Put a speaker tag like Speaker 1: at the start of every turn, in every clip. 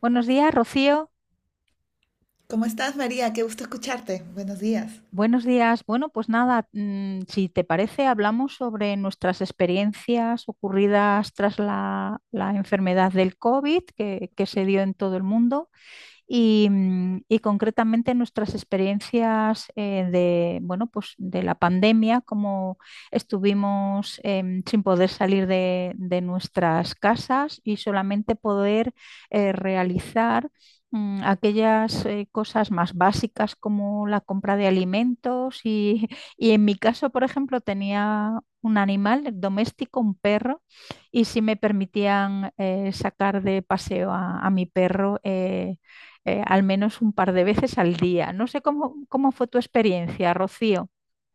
Speaker 1: Buenos días, Rocío.
Speaker 2: ¿Cómo estás, María? Qué gusto escucharte. Buenos días.
Speaker 1: Buenos días. Bueno, pues nada, si te parece, hablamos sobre nuestras experiencias ocurridas tras la enfermedad del COVID que se dio en todo el mundo. Y y concretamente nuestras experiencias de, bueno, pues de la pandemia, como estuvimos sin poder salir de nuestras casas y solamente poder realizar aquellas cosas más básicas como la compra de alimentos y, y, en mi caso, por ejemplo, tenía un animal doméstico, un perro, y si me permitían sacar de paseo a mi perro, al menos un par de veces al día. No sé cómo fue tu experiencia, Rocío.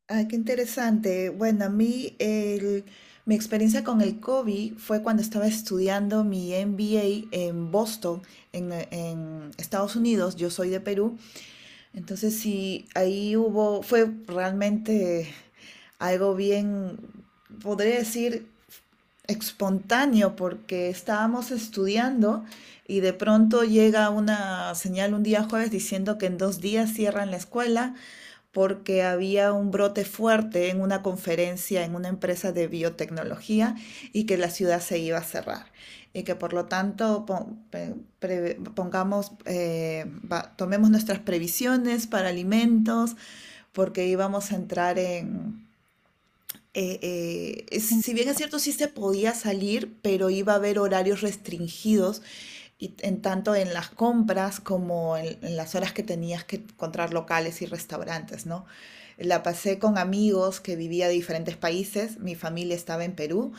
Speaker 2: Ah, qué interesante. Bueno, a mí mi experiencia con el COVID fue cuando estaba estudiando mi MBA en Boston, en Estados Unidos. Yo soy de Perú. Entonces, sí, ahí hubo, fue realmente algo bien, podría decir, espontáneo, porque estábamos estudiando y de pronto llega una señal un día jueves diciendo que en dos días cierran la escuela porque había un brote fuerte en una conferencia en una empresa de biotecnología y que la ciudad se iba a cerrar y que por lo tanto pongamos, tomemos nuestras previsiones para alimentos porque íbamos a entrar en
Speaker 1: En-
Speaker 2: si bien es cierto, sí se podía salir, pero iba a haber horarios restringidos y en tanto en las compras como en las horas que tenías que encontrar locales y restaurantes, ¿no? La pasé con amigos que vivía de diferentes países, mi familia estaba en Perú.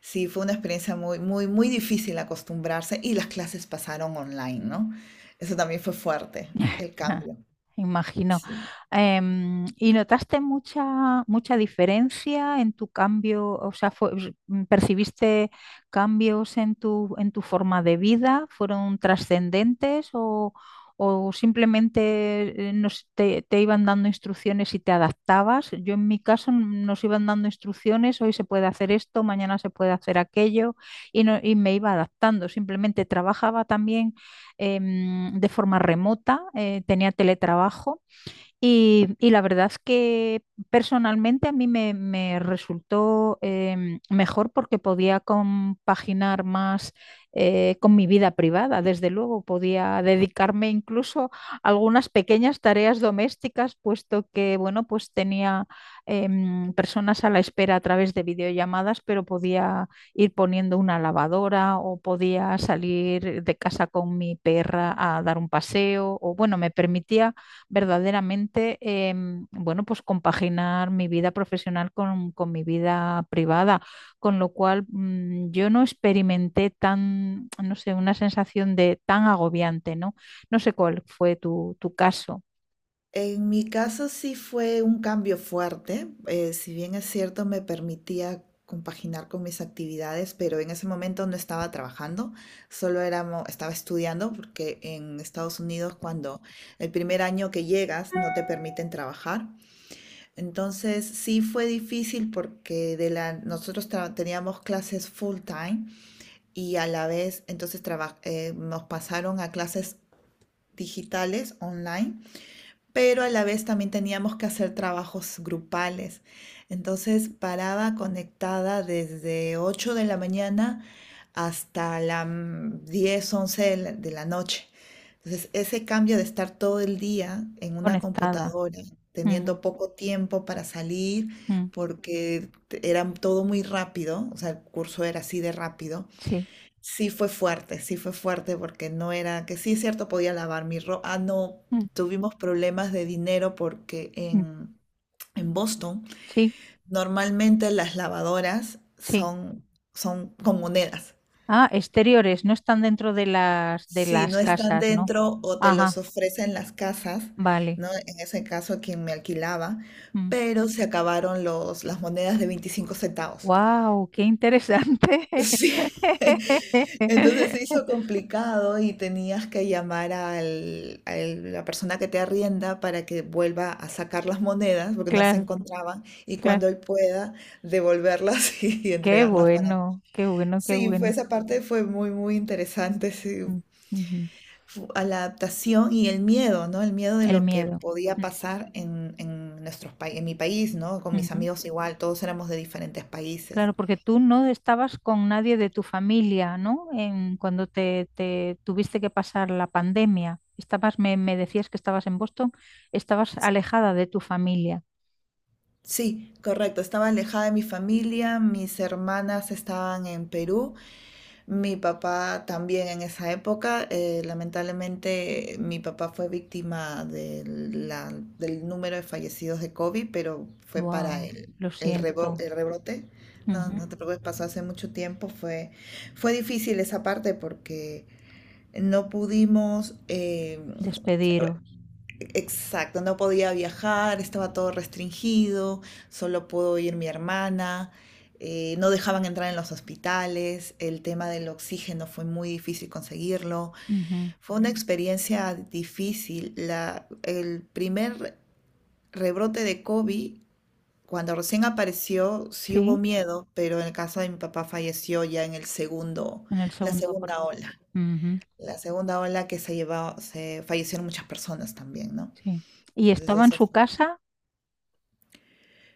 Speaker 2: Sí, fue una experiencia muy, muy, muy difícil acostumbrarse, y las clases pasaron online, ¿no? Eso también fue fuerte, el cambio.
Speaker 1: Imagino.
Speaker 2: Sí.
Speaker 1: ¿Y notaste mucha diferencia en tu cambio? O sea, ¿percibiste cambios en tu forma de vida? ¿Fueron trascendentes o simplemente te iban dando instrucciones y te adaptabas? Yo en mi caso, nos iban dando instrucciones, hoy se puede hacer esto, mañana se puede hacer aquello y, y me iba adaptando. Simplemente trabajaba también eh, de forma remota, tenía teletrabajo y la verdad es que personalmente a mí me resultó, mejor porque podía compaginar más con mi vida privada. Desde luego, podía dedicarme incluso a algunas pequeñas tareas domésticas, puesto que, bueno, pues tenía, personas a la espera a través de videollamadas, pero podía ir poniendo una lavadora o podía salir de casa con mi perra a dar un paseo o, bueno, me permitía verdaderamente, bueno, pues compaginar mi vida profesional con mi vida privada, con lo cual, yo no experimenté tan, no sé, una sensación de tan agobiante, ¿no? No sé cuál fue tu caso.
Speaker 2: En mi caso sí fue un cambio fuerte. Si bien es cierto me permitía compaginar con mis actividades, pero en ese momento no estaba trabajando, solo era, estaba estudiando, porque en Estados Unidos cuando el primer año que llegas no te permiten trabajar. Entonces sí fue difícil porque de la, nosotros teníamos clases full time y a la vez entonces nos pasaron a clases digitales online, pero a la vez también teníamos que hacer trabajos grupales. Entonces paraba conectada desde 8 de la mañana hasta las 10 11 de la noche. Entonces ese cambio de estar todo el día en una
Speaker 1: Conectada.
Speaker 2: computadora,
Speaker 1: Ujú,
Speaker 2: teniendo poco tiempo para salir,
Speaker 1: ujú,
Speaker 2: porque era todo muy rápido, o sea, el curso era así de rápido.
Speaker 1: sí,
Speaker 2: Sí fue fuerte, sí fue fuerte, porque no era, que sí es cierto, podía lavar mi ropa. Ah, no,
Speaker 1: mm,
Speaker 2: tuvimos problemas de dinero porque
Speaker 1: mm,
Speaker 2: en Boston
Speaker 1: sí,
Speaker 2: normalmente las lavadoras
Speaker 1: sí.
Speaker 2: son, son con monedas.
Speaker 1: Ah, exteriores, no están dentro de las, de
Speaker 2: Si
Speaker 1: las
Speaker 2: no están
Speaker 1: casas, ¿no?
Speaker 2: dentro o te los
Speaker 1: Ajá,
Speaker 2: ofrecen las casas,
Speaker 1: vale.
Speaker 2: ¿no? En ese caso quien me alquilaba, pero se acabaron los, las monedas de 25 centavos.
Speaker 1: Wow, qué interesante.
Speaker 2: Sí, entonces se hizo complicado y tenías que llamar al, a la persona que te arrienda para que vuelva a sacar las monedas porque no se
Speaker 1: Claro,
Speaker 2: encontraban, y cuando
Speaker 1: claro.
Speaker 2: él pueda devolverlas y
Speaker 1: Qué
Speaker 2: entregarlas para...
Speaker 1: bueno, qué bueno, qué
Speaker 2: Sí, fue,
Speaker 1: bueno.
Speaker 2: esa parte fue muy, muy interesante, sí.
Speaker 1: Mm, ujú.
Speaker 2: A la adaptación y el miedo, ¿no? El miedo de
Speaker 1: El
Speaker 2: lo que
Speaker 1: miedo.
Speaker 2: podía
Speaker 1: Mm,
Speaker 2: pasar en nuestros países, en mi país, ¿no? Con mis
Speaker 1: ujú.
Speaker 2: amigos igual, todos éramos de diferentes países.
Speaker 1: Claro, porque tú no estabas con nadie de tu familia, ¿no? En, cuando te tuviste que pasar la pandemia. Estabas, me decías que estabas en Boston, estabas alejada de tu familia.
Speaker 2: Sí, correcto. Estaba alejada de mi familia, mis hermanas estaban en Perú, mi papá también en esa época. Lamentablemente mi papá fue víctima del número de fallecidos de COVID, pero fue para
Speaker 1: Wow, lo siento.
Speaker 2: el rebrote. No,
Speaker 1: Ujú.
Speaker 2: no te preocupes, pasó hace mucho tiempo. Fue, fue difícil esa parte porque no pudimos...
Speaker 1: Despediros.
Speaker 2: Exacto, no podía viajar, estaba todo restringido, solo pudo ir mi hermana. No dejaban entrar en los hospitales, el tema del oxígeno fue muy difícil conseguirlo,
Speaker 1: Ujú.
Speaker 2: fue una experiencia difícil. La, el primer rebrote de COVID, cuando recién apareció, sí hubo
Speaker 1: Sí,
Speaker 2: miedo, pero en el caso de mi papá falleció ya en el segundo,
Speaker 1: en el
Speaker 2: la
Speaker 1: segundo
Speaker 2: segunda
Speaker 1: aporte.
Speaker 2: ola.
Speaker 1: Ujú,
Speaker 2: La segunda ola que se llevó, se fallecieron muchas personas también, ¿no?
Speaker 1: sí. ¿Y
Speaker 2: Entonces
Speaker 1: estaba en
Speaker 2: ese...
Speaker 1: su casa?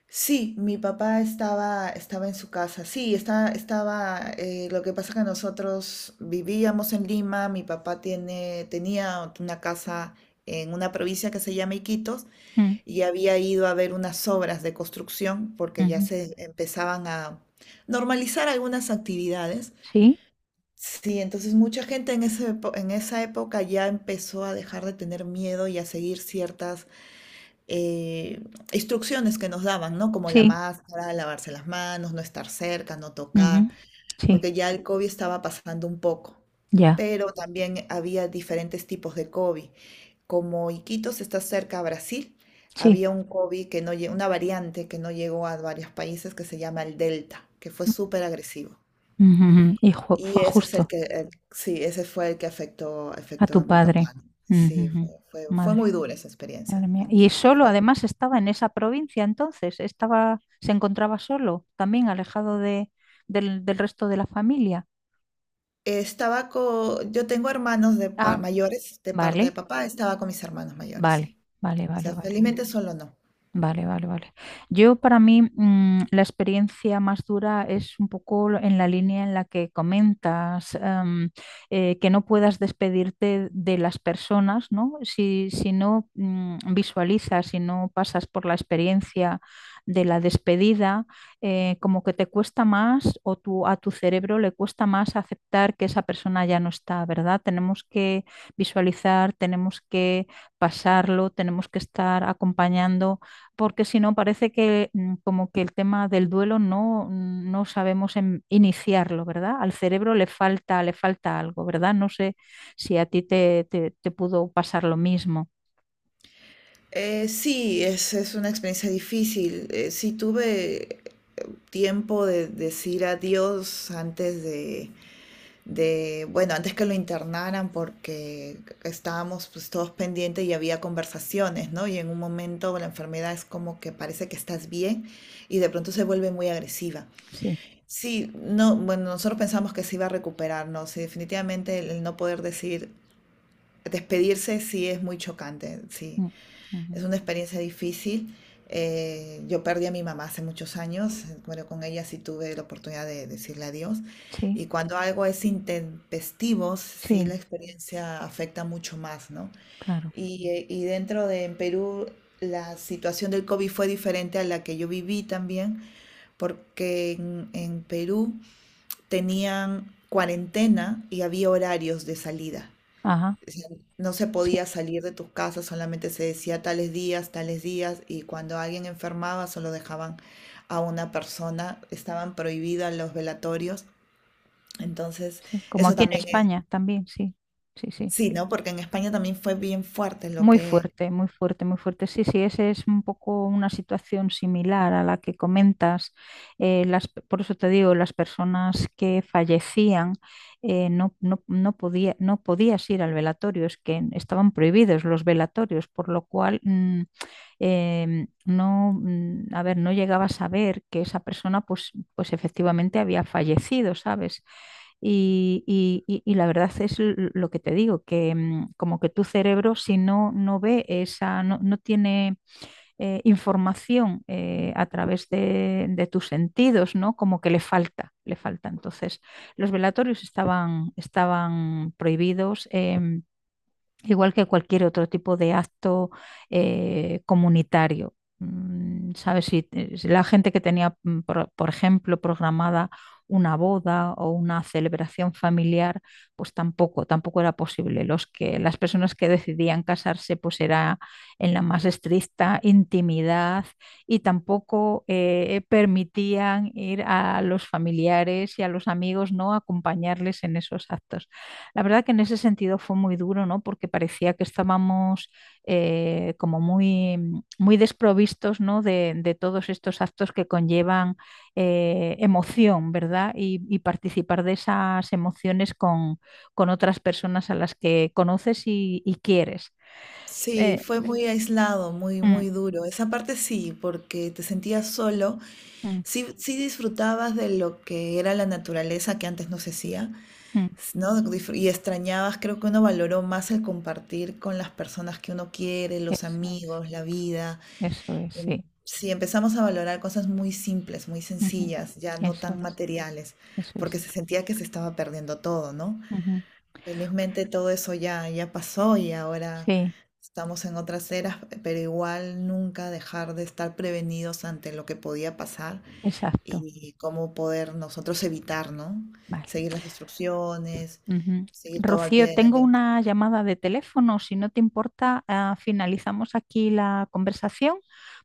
Speaker 2: Sí, mi papá estaba, estaba en su casa. Sí, está, estaba. Lo que pasa es que nosotros vivíamos en Lima. Mi papá tiene, tenía una casa en una provincia que se llama Iquitos,
Speaker 1: Mm,
Speaker 2: y había ido a ver unas obras de construcción porque ya
Speaker 1: ujú.
Speaker 2: se empezaban a normalizar algunas actividades.
Speaker 1: Sí,
Speaker 2: Sí, entonces mucha gente en en esa época ya empezó a dejar de tener miedo y a seguir ciertas eh, instrucciones que nos daban, ¿no? Como la
Speaker 1: sí.
Speaker 2: máscara, lavarse las manos, no estar cerca, no
Speaker 1: Ujú,
Speaker 2: tocar,
Speaker 1: sí,
Speaker 2: porque ya el COVID estaba pasando un poco.
Speaker 1: ya,
Speaker 2: Pero también había diferentes tipos de COVID. Como Iquitos está cerca a Brasil,
Speaker 1: sí.
Speaker 2: había un COVID que no lle- una variante que no llegó a varios países que se llama el Delta, que fue súper agresivo.
Speaker 1: Ujujú,
Speaker 2: Y
Speaker 1: fue
Speaker 2: ese es el
Speaker 1: justo
Speaker 2: que, sí, ese fue el que afectó,
Speaker 1: a
Speaker 2: afectó
Speaker 1: tu
Speaker 2: a mi
Speaker 1: padre.
Speaker 2: papá, ¿no? Sí,
Speaker 1: Ujujú,
Speaker 2: fue, fue, fue muy
Speaker 1: madre,
Speaker 2: dura esa experiencia,
Speaker 1: madre mía. Y
Speaker 2: definitivamente.
Speaker 1: solo,
Speaker 2: Fue...
Speaker 1: además, estaba en esa provincia entonces, estaba, se encontraba solo, también alejado de, del, del resto de la familia.
Speaker 2: Estaba con, yo tengo hermanos
Speaker 1: Ah,
Speaker 2: mayores de parte de
Speaker 1: vale,
Speaker 2: papá, estaba con mis hermanos mayores,
Speaker 1: vale,
Speaker 2: sí.
Speaker 1: vale,
Speaker 2: O
Speaker 1: vale,
Speaker 2: sea,
Speaker 1: vale.
Speaker 2: felizmente solo no.
Speaker 1: Vale, vale, vale. Yo para mí, la experiencia más dura es un poco en la línea en la que comentas, que no puedas despedirte de las personas, ¿no? Si, si no, visualizas, si no pasas por la experiencia de la despedida, como que te cuesta más o tu, a tu cerebro le cuesta más aceptar que esa persona ya no está, ¿verdad? Tenemos que visualizar, tenemos que pasarlo, tenemos que estar acompañando porque si no parece que, como que el tema del duelo no, no sabemos iniciarlo, ¿verdad? Al cerebro le falta algo, ¿verdad? No sé si a ti te, te pudo pasar lo mismo.
Speaker 2: Sí, es una experiencia difícil. Sí tuve tiempo de decir adiós antes de, bueno, antes que lo internaran, porque estábamos pues todos pendientes y había conversaciones, ¿no? Y en un momento la enfermedad es como que parece que estás bien y de pronto se vuelve muy agresiva.
Speaker 1: Sí.
Speaker 2: Sí, no, bueno, nosotros pensamos que se iba a recuperar, no, sí, definitivamente el no poder decir, despedirse sí es muy chocante, sí,
Speaker 1: Mm, ujú.
Speaker 2: es una experiencia difícil. Yo perdí a mi mamá hace muchos años, bueno, con ella sí tuve la oportunidad de decirle adiós, y
Speaker 1: Sí,
Speaker 2: cuando algo es intempestivo, sí la
Speaker 1: sí,
Speaker 2: experiencia afecta mucho más, ¿no?
Speaker 1: claro.
Speaker 2: Y dentro de en Perú, la situación del COVID fue diferente a la que yo viví también, porque en Perú tenían cuarentena y había horarios de salida.
Speaker 1: Ajá,
Speaker 2: O sea, no se
Speaker 1: sí,
Speaker 2: podía salir de tus casas, solamente se decía tales días, y cuando alguien enfermaba solo dejaban a una persona, estaban prohibidas los velatorios. Entonces,
Speaker 1: sí. Como
Speaker 2: eso
Speaker 1: aquí en
Speaker 2: también es,
Speaker 1: España también, sí, sí, sí.
Speaker 2: sí, ¿no? Porque en España también fue bien fuerte lo
Speaker 1: Muy
Speaker 2: que...
Speaker 1: fuerte, muy fuerte, muy fuerte. Sí, sí, esa es un poco una situación similar a la que comentas. Las, por eso te digo, las personas que fallecían no, no, no podía, no podías ir al velatorio, es que estaban prohibidos los velatorios, por lo cual, no, mm, a ver, no llegaba a saber que esa persona pues, pues efectivamente había fallecido, ¿sabes? Y, y la verdad es lo que te digo, que, como que tu cerebro si no, no ve esa, no, no tiene información a través de tus sentidos, ¿no? Como que le falta, le falta. Entonces, los velatorios estaban prohibidos. Igual que cualquier otro tipo de acto comunitario. Mm, ¿sabes? Si, si la gente que tenía, por ejemplo, programada una boda o una celebración familiar, pues tampoco, tampoco era posible. Los que, las personas que decidían casarse, pues era en la más estricta intimidad y tampoco permitían ir a los familiares y a los amigos, ¿no? Acompañarles en esos actos. La verdad que en ese sentido fue muy duro, ¿no? Porque parecía que estábamos como muy, muy desprovistos, ¿no? De todos estos actos que conllevan emoción, ¿verdad? Y participar de esas emociones con otras personas a las que conoces y quieres.
Speaker 2: Sí,
Speaker 1: Eh,
Speaker 2: fue muy aislado, muy,
Speaker 1: mm,
Speaker 2: muy duro. Esa parte sí, porque te sentías solo.
Speaker 1: mm,
Speaker 2: Sí, sí disfrutabas de lo que era la naturaleza que antes no se hacía,
Speaker 1: mm.
Speaker 2: ¿no? Y extrañabas, creo que uno valoró más el compartir con las personas que uno quiere, los
Speaker 1: Eso es,
Speaker 2: amigos, la vida.
Speaker 1: eso es,
Speaker 2: Em,
Speaker 1: sí.
Speaker 2: Sí, empezamos a valorar cosas muy simples, muy
Speaker 1: Ujú.
Speaker 2: sencillas, ya no
Speaker 1: Eso
Speaker 2: tan
Speaker 1: es,
Speaker 2: materiales,
Speaker 1: eso es.
Speaker 2: porque se sentía que se estaba perdiendo todo, ¿no?
Speaker 1: Ujú.
Speaker 2: Felizmente todo eso ya, ya pasó y ahora
Speaker 1: Sí,
Speaker 2: estamos en otras eras, pero igual nunca dejar de estar prevenidos ante lo que podía pasar
Speaker 1: exacto.
Speaker 2: y cómo poder nosotros evitar, ¿no?
Speaker 1: Vale.
Speaker 2: Seguir las instrucciones,
Speaker 1: Ujú.
Speaker 2: seguir todo al
Speaker 1: Rocío,
Speaker 2: pie de la
Speaker 1: tengo
Speaker 2: letra.
Speaker 1: una llamada de teléfono. Si no te importa, ah, finalizamos aquí la conversación.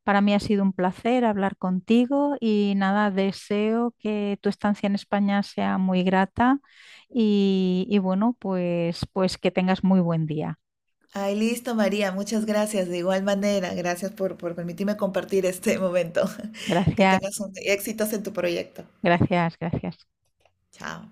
Speaker 1: Para mí ha sido un placer hablar contigo y nada, deseo que tu estancia en España sea muy grata y bueno, pues, pues que tengas muy buen día.
Speaker 2: Ay, listo, María, muchas gracias. De igual manera, gracias por permitirme compartir este momento. Que
Speaker 1: Gracias,
Speaker 2: tengas un, éxitos en tu proyecto.
Speaker 1: gracias, gracias.
Speaker 2: Chao.